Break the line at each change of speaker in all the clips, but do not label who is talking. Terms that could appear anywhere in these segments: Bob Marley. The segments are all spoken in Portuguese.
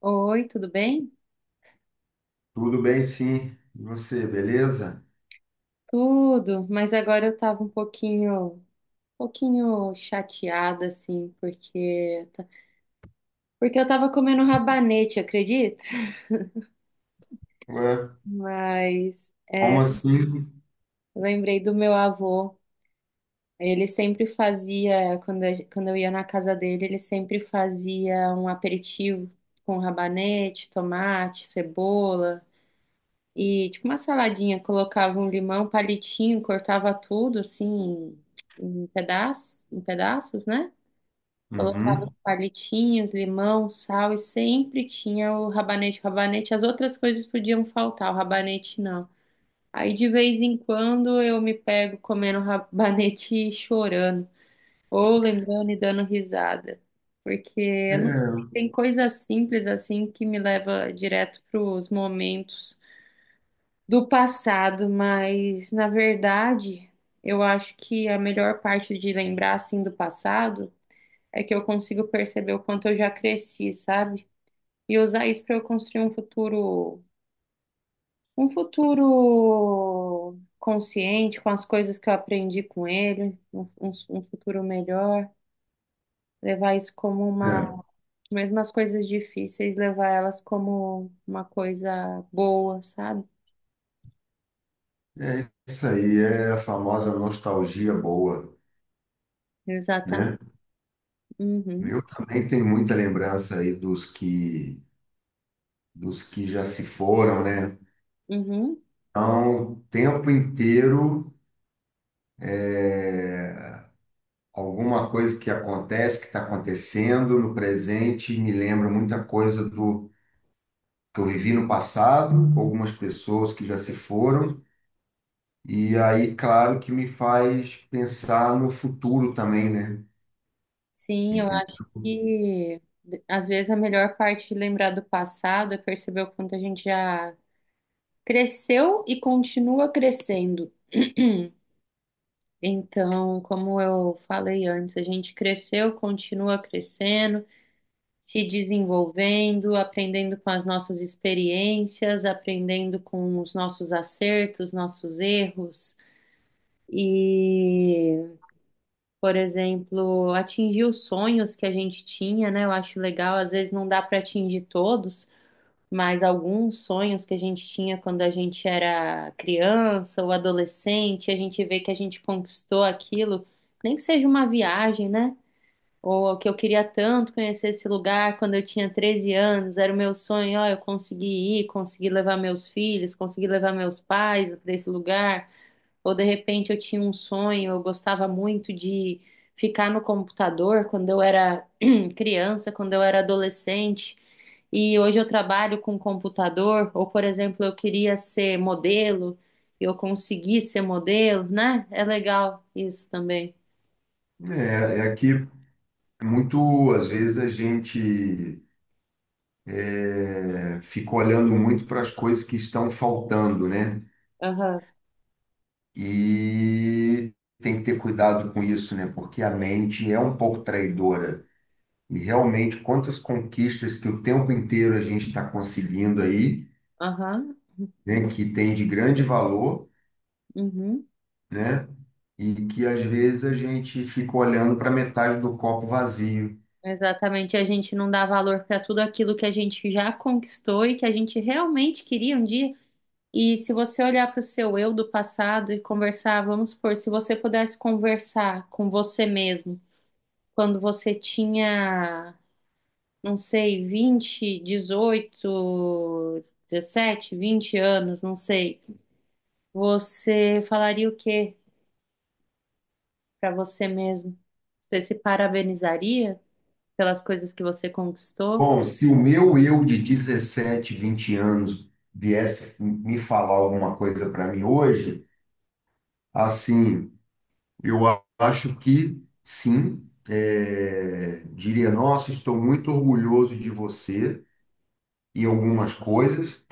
Oi, tudo bem?
Tudo bem, sim. E você, beleza?
Tudo, mas agora eu tava um pouquinho chateada assim, porque eu tava comendo rabanete, acredita?
Ué,
Mas é,
como assim?
lembrei do meu avô. Ele sempre fazia, quando eu ia na casa dele, ele sempre fazia um aperitivo com rabanete, tomate, cebola. E tipo uma saladinha, colocava um limão, um palitinho, cortava tudo assim em pedaços, né?
Uhum.
Colocava palitinhos, limão, sal e sempre tinha o rabanete. O rabanete, as outras coisas podiam faltar, o rabanete não. Aí de vez em quando eu me pego comendo rabanete e chorando, ou lembrando e dando risada, porque eu não sei,
É,
tem coisa simples assim que me leva direto para os momentos do passado, mas na verdade, eu acho que a melhor parte de lembrar assim do passado é que eu consigo perceber o quanto eu já cresci, sabe? E usar isso para eu construir um futuro consciente com as coisas que eu aprendi com ele, um futuro melhor. Levar isso como uma,
é,
Mesmo as coisas difíceis, levar elas como uma coisa boa, sabe?
é isso aí, é a famosa nostalgia boa,
Exatamente.
né?
Uhum,
Eu também tenho muita lembrança aí dos que já se foram, né?
uhum.
Então, o tempo inteiro, é, alguma coisa que acontece, que está acontecendo no presente, me lembra muita coisa do que eu vivi no passado, com algumas pessoas que já se foram. E aí, claro que me faz pensar no futuro também, né?
Sim.
Entendeu?
E às vezes a melhor parte de lembrar do passado é perceber o quanto a gente já cresceu e continua crescendo. Então, como eu falei antes, a gente cresceu, continua crescendo, se desenvolvendo, aprendendo com as nossas experiências, aprendendo com os nossos acertos, nossos erros. E, por exemplo, atingir os sonhos que a gente tinha, né? Eu acho legal, às vezes não dá para atingir todos, mas alguns sonhos que a gente tinha quando a gente era criança ou adolescente, a gente vê que a gente conquistou aquilo, nem que seja uma viagem, né? Ou que eu queria tanto conhecer esse lugar quando eu tinha 13 anos, era o meu sonho, ó, eu consegui ir, consegui levar meus filhos, consegui levar meus pais para esse lugar. Ou de repente eu tinha um sonho, eu gostava muito de ficar no computador quando eu era criança, quando eu era adolescente. E hoje eu trabalho com computador, ou por exemplo, eu queria ser modelo, eu consegui ser modelo, né? É legal isso também.
É que muito, às vezes, a gente é, fica olhando muito para as coisas que estão faltando, né?
Aham,
E tem que ter cuidado com isso, né? Porque a mente é um pouco traidora. E realmente, quantas conquistas que o tempo inteiro a gente está conseguindo aí,
aham,
né? Que tem de grande valor,
uhum.
né? E que às vezes a gente fica olhando para metade do copo vazio.
Exatamente. A gente não dá valor para tudo aquilo que a gente já conquistou e que a gente realmente queria um dia. E se você olhar para o seu eu do passado e conversar, vamos supor, se você pudesse conversar com você mesmo quando você tinha não sei, 20, 18, 17, 20 anos, não sei, você falaria o quê para você mesmo? Você se parabenizaria pelas coisas que você conquistou?
Bom, se o meu eu de 17, 20 anos viesse me falar alguma coisa para mim hoje, assim, eu acho que sim, é, diria, nossa, estou muito orgulhoso de você em algumas coisas,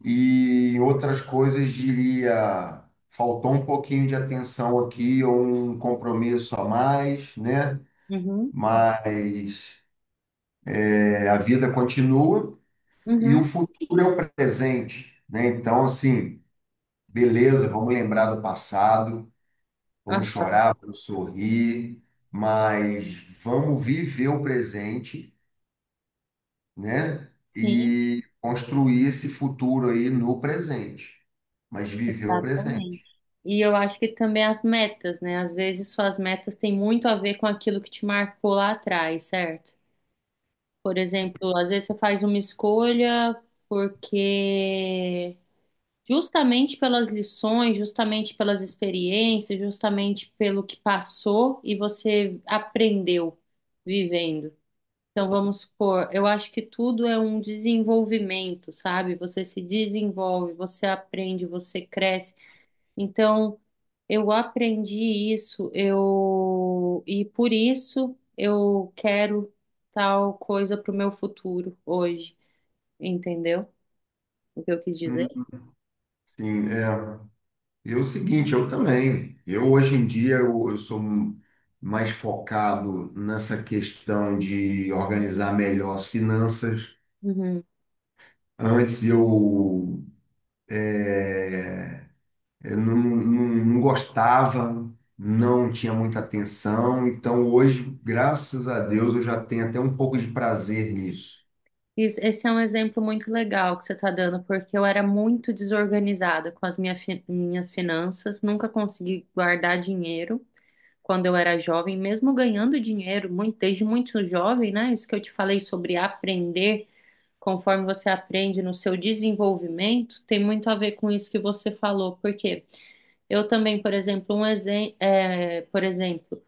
e em outras coisas diria, faltou um pouquinho de atenção aqui, ou um compromisso a mais, né? Uhum.
Uhum,
Mas é, a vida continua e o
uhum,
futuro é o presente, né? Então, assim, beleza, vamos lembrar do passado, vamos
aham,
chorar, vamos sorrir, mas vamos viver o presente, né?
sim,
E construir esse futuro aí no presente, mas viver o
exatamente.
presente.
E eu acho que também as metas, né? Às vezes suas metas têm muito a ver com aquilo que te marcou lá atrás, certo? Por exemplo, às vezes você faz uma escolha porque justamente pelas lições, justamente pelas experiências, justamente pelo que passou e você aprendeu vivendo. Então, vamos supor, eu acho que tudo é um desenvolvimento, sabe? Você se desenvolve, você aprende, você cresce. Então, eu aprendi isso, eu e por isso eu quero tal coisa para o meu futuro hoje, entendeu? O que eu quis dizer?
Hum, Sim, é. E é o seguinte, eu também. Eu hoje em dia eu sou mais focado nessa questão de organizar melhor as finanças.
Uhum.
Antes eu, eh, eu não gostava, não tinha muita atenção. Então hoje, graças a Deus, eu já tenho até um pouco de prazer nisso.
Isso, esse é um exemplo muito legal que você está dando, porque eu era muito desorganizada com as minha minhas finanças, nunca consegui guardar dinheiro quando eu era jovem, mesmo ganhando dinheiro muito, desde muito jovem, né? Isso que eu te falei sobre aprender, conforme você aprende no seu desenvolvimento, tem muito a ver com isso que você falou, porque eu também, por exemplo, por exemplo,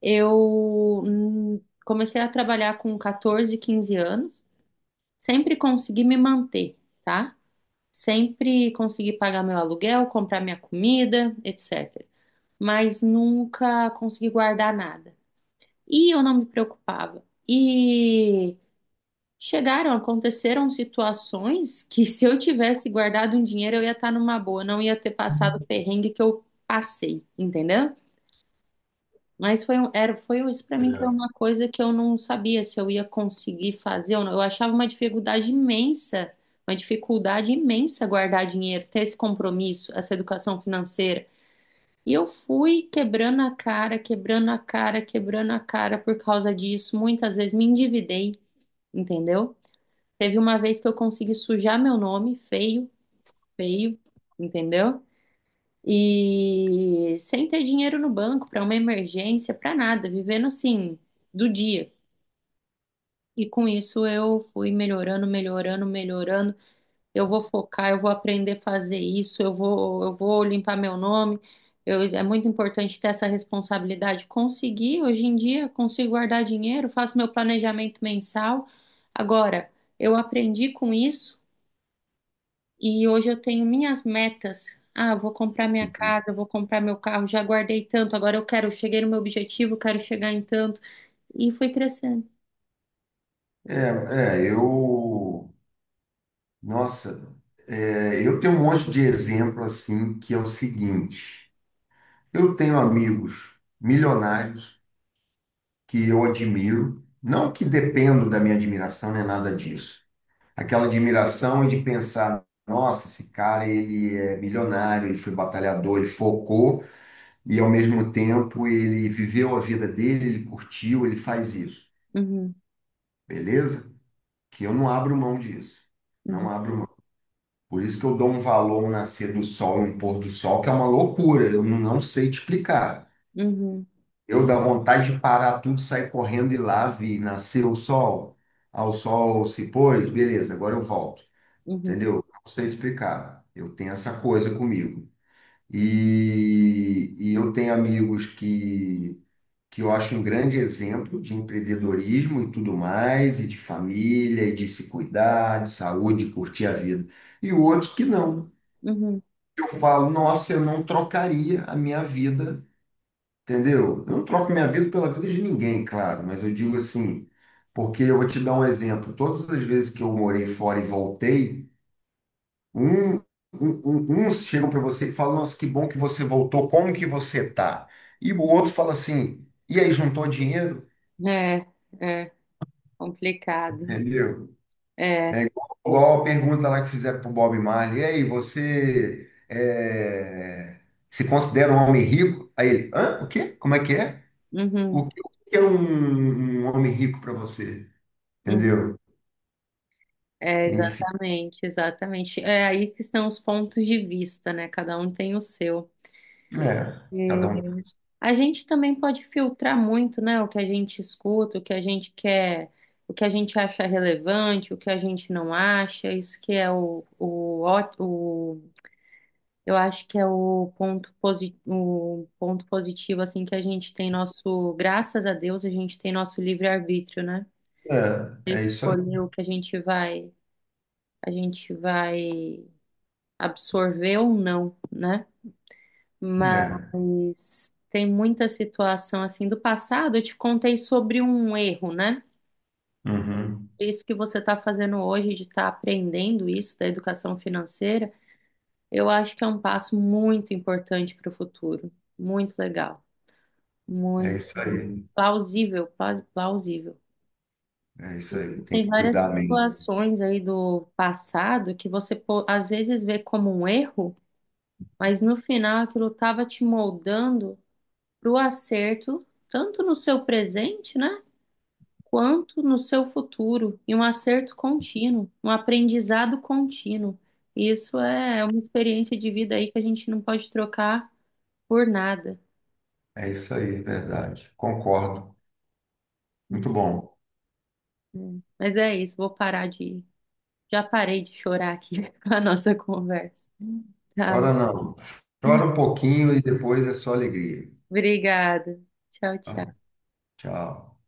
eu comecei a trabalhar com 14, 15 anos. Sempre consegui me manter, tá? Sempre consegui pagar meu aluguel, comprar minha comida, etc. Mas nunca consegui guardar nada. E eu não me preocupava. E chegaram, aconteceram situações que se eu tivesse guardado um dinheiro, eu ia estar numa boa, não ia ter passado o perrengue que eu passei, entendeu? Mas foi um, era, foi um, isso para mim foi
É.
uma coisa que eu não sabia se eu ia conseguir fazer ou não. Eu achava uma dificuldade imensa guardar dinheiro, ter esse compromisso, essa educação financeira. E eu fui quebrando a cara, quebrando a cara, quebrando a cara por causa disso. Muitas vezes me endividei, entendeu? Teve uma vez que eu consegui sujar meu nome, feio, feio, entendeu? E sem ter dinheiro no banco para uma emergência, para nada, vivendo assim, do dia. E com isso eu fui melhorando, melhorando, melhorando. Eu vou focar, eu vou aprender a fazer isso, eu vou limpar meu nome. É muito importante ter essa responsabilidade. Consegui, hoje em dia, consigo guardar dinheiro, faço meu planejamento mensal. Agora, eu aprendi com isso e hoje eu tenho minhas metas. Ah, eu vou comprar minha
Uhum.
casa, eu vou comprar meu carro, já guardei tanto, agora eu quero, eu cheguei no meu objetivo, eu quero chegar em tanto. E fui crescendo.
É, é, eu, nossa, é, eu tenho um monte de exemplo assim que é o seguinte. Eu tenho amigos milionários que eu admiro, não que dependo da minha admiração, nem nada disso. Aquela admiração é de pensar, nossa, esse cara, ele é milionário, ele foi batalhador, ele focou e ao mesmo tempo ele viveu a vida dele, ele curtiu, ele faz isso.
Uhum,
Beleza? Que eu não abro mão disso. Não
uhum,
abro mão. Por isso que eu dou um valor a um nascer do sol e um pôr do sol, que é uma loucura, eu não sei te explicar.
uhum,
Eu dá vontade de parar tudo, sair correndo e lá vi nascer o sol, ao sol se pôs, beleza, agora eu volto.
uhum,
Entendeu? Não sei explicar. Eu tenho essa coisa comigo. E eu tenho amigos que eu acho um grande exemplo de empreendedorismo e tudo mais, e de família, e de se cuidar, de saúde, de curtir a vida. E outros que não.
uhum.
Eu falo, nossa, eu não trocaria a minha vida. Entendeu? Eu não troco minha vida pela vida de ninguém, claro, mas eu digo assim, porque eu vou te dar um exemplo. Todas as vezes que eu morei fora e voltei, um, um- uns chegam para você e falam, nossa, que bom que você voltou, como que você tá? E o outro fala assim, e aí, juntou dinheiro?
É, é, complicado.
Entendeu?
É,
É igual, igual a pergunta lá que fizeram para o Bob Marley, e aí, você é, se considera um homem rico? Aí ele, hã? O quê? Como é que é?
uhum,
O que é um homem rico para você?
uhum.
Entendeu?
É,
Enfim,
exatamente, exatamente. É aí que estão os pontos de vista, né? Cada um tem o seu.
é. Cada um.
A gente também pode filtrar muito, né, o que a gente escuta, o que a gente quer, o que a gente acha relevante, o que a gente não acha. Isso que é o, eu acho que é o ponto positivo assim que a gente tem nosso, graças a Deus, a gente tem nosso livre-arbítrio, né? De
É, é isso aí.
escolher o que a gente vai absorver ou não, né?
É.
Mas tem muita situação assim do passado. Eu te contei sobre um erro, né?
Uhum.
Isso que você está fazendo hoje de estar aprendendo isso da educação financeira, eu acho que é um passo muito importante para o futuro. Muito legal,
É
muito
isso aí.
plausível, plausível.
É isso aí. Tem
Tem
que
várias
cuidar bem.
situações aí do passado que você às vezes vê como um erro, mas no final aquilo estava te moldando para o acerto tanto no seu presente, né? Quanto no seu futuro, e um acerto contínuo, um aprendizado contínuo. Isso é uma experiência de vida aí que a gente não pode trocar por nada.
É isso aí, verdade. Concordo. Muito bom.
Hum. Mas é isso, vou parar de. Já parei de chorar aqui com a nossa conversa. Tá,
Chora não. Chora um pouquinho e depois é só alegria.
obrigada. Tchau,
Tá?
tchau.
Tchau.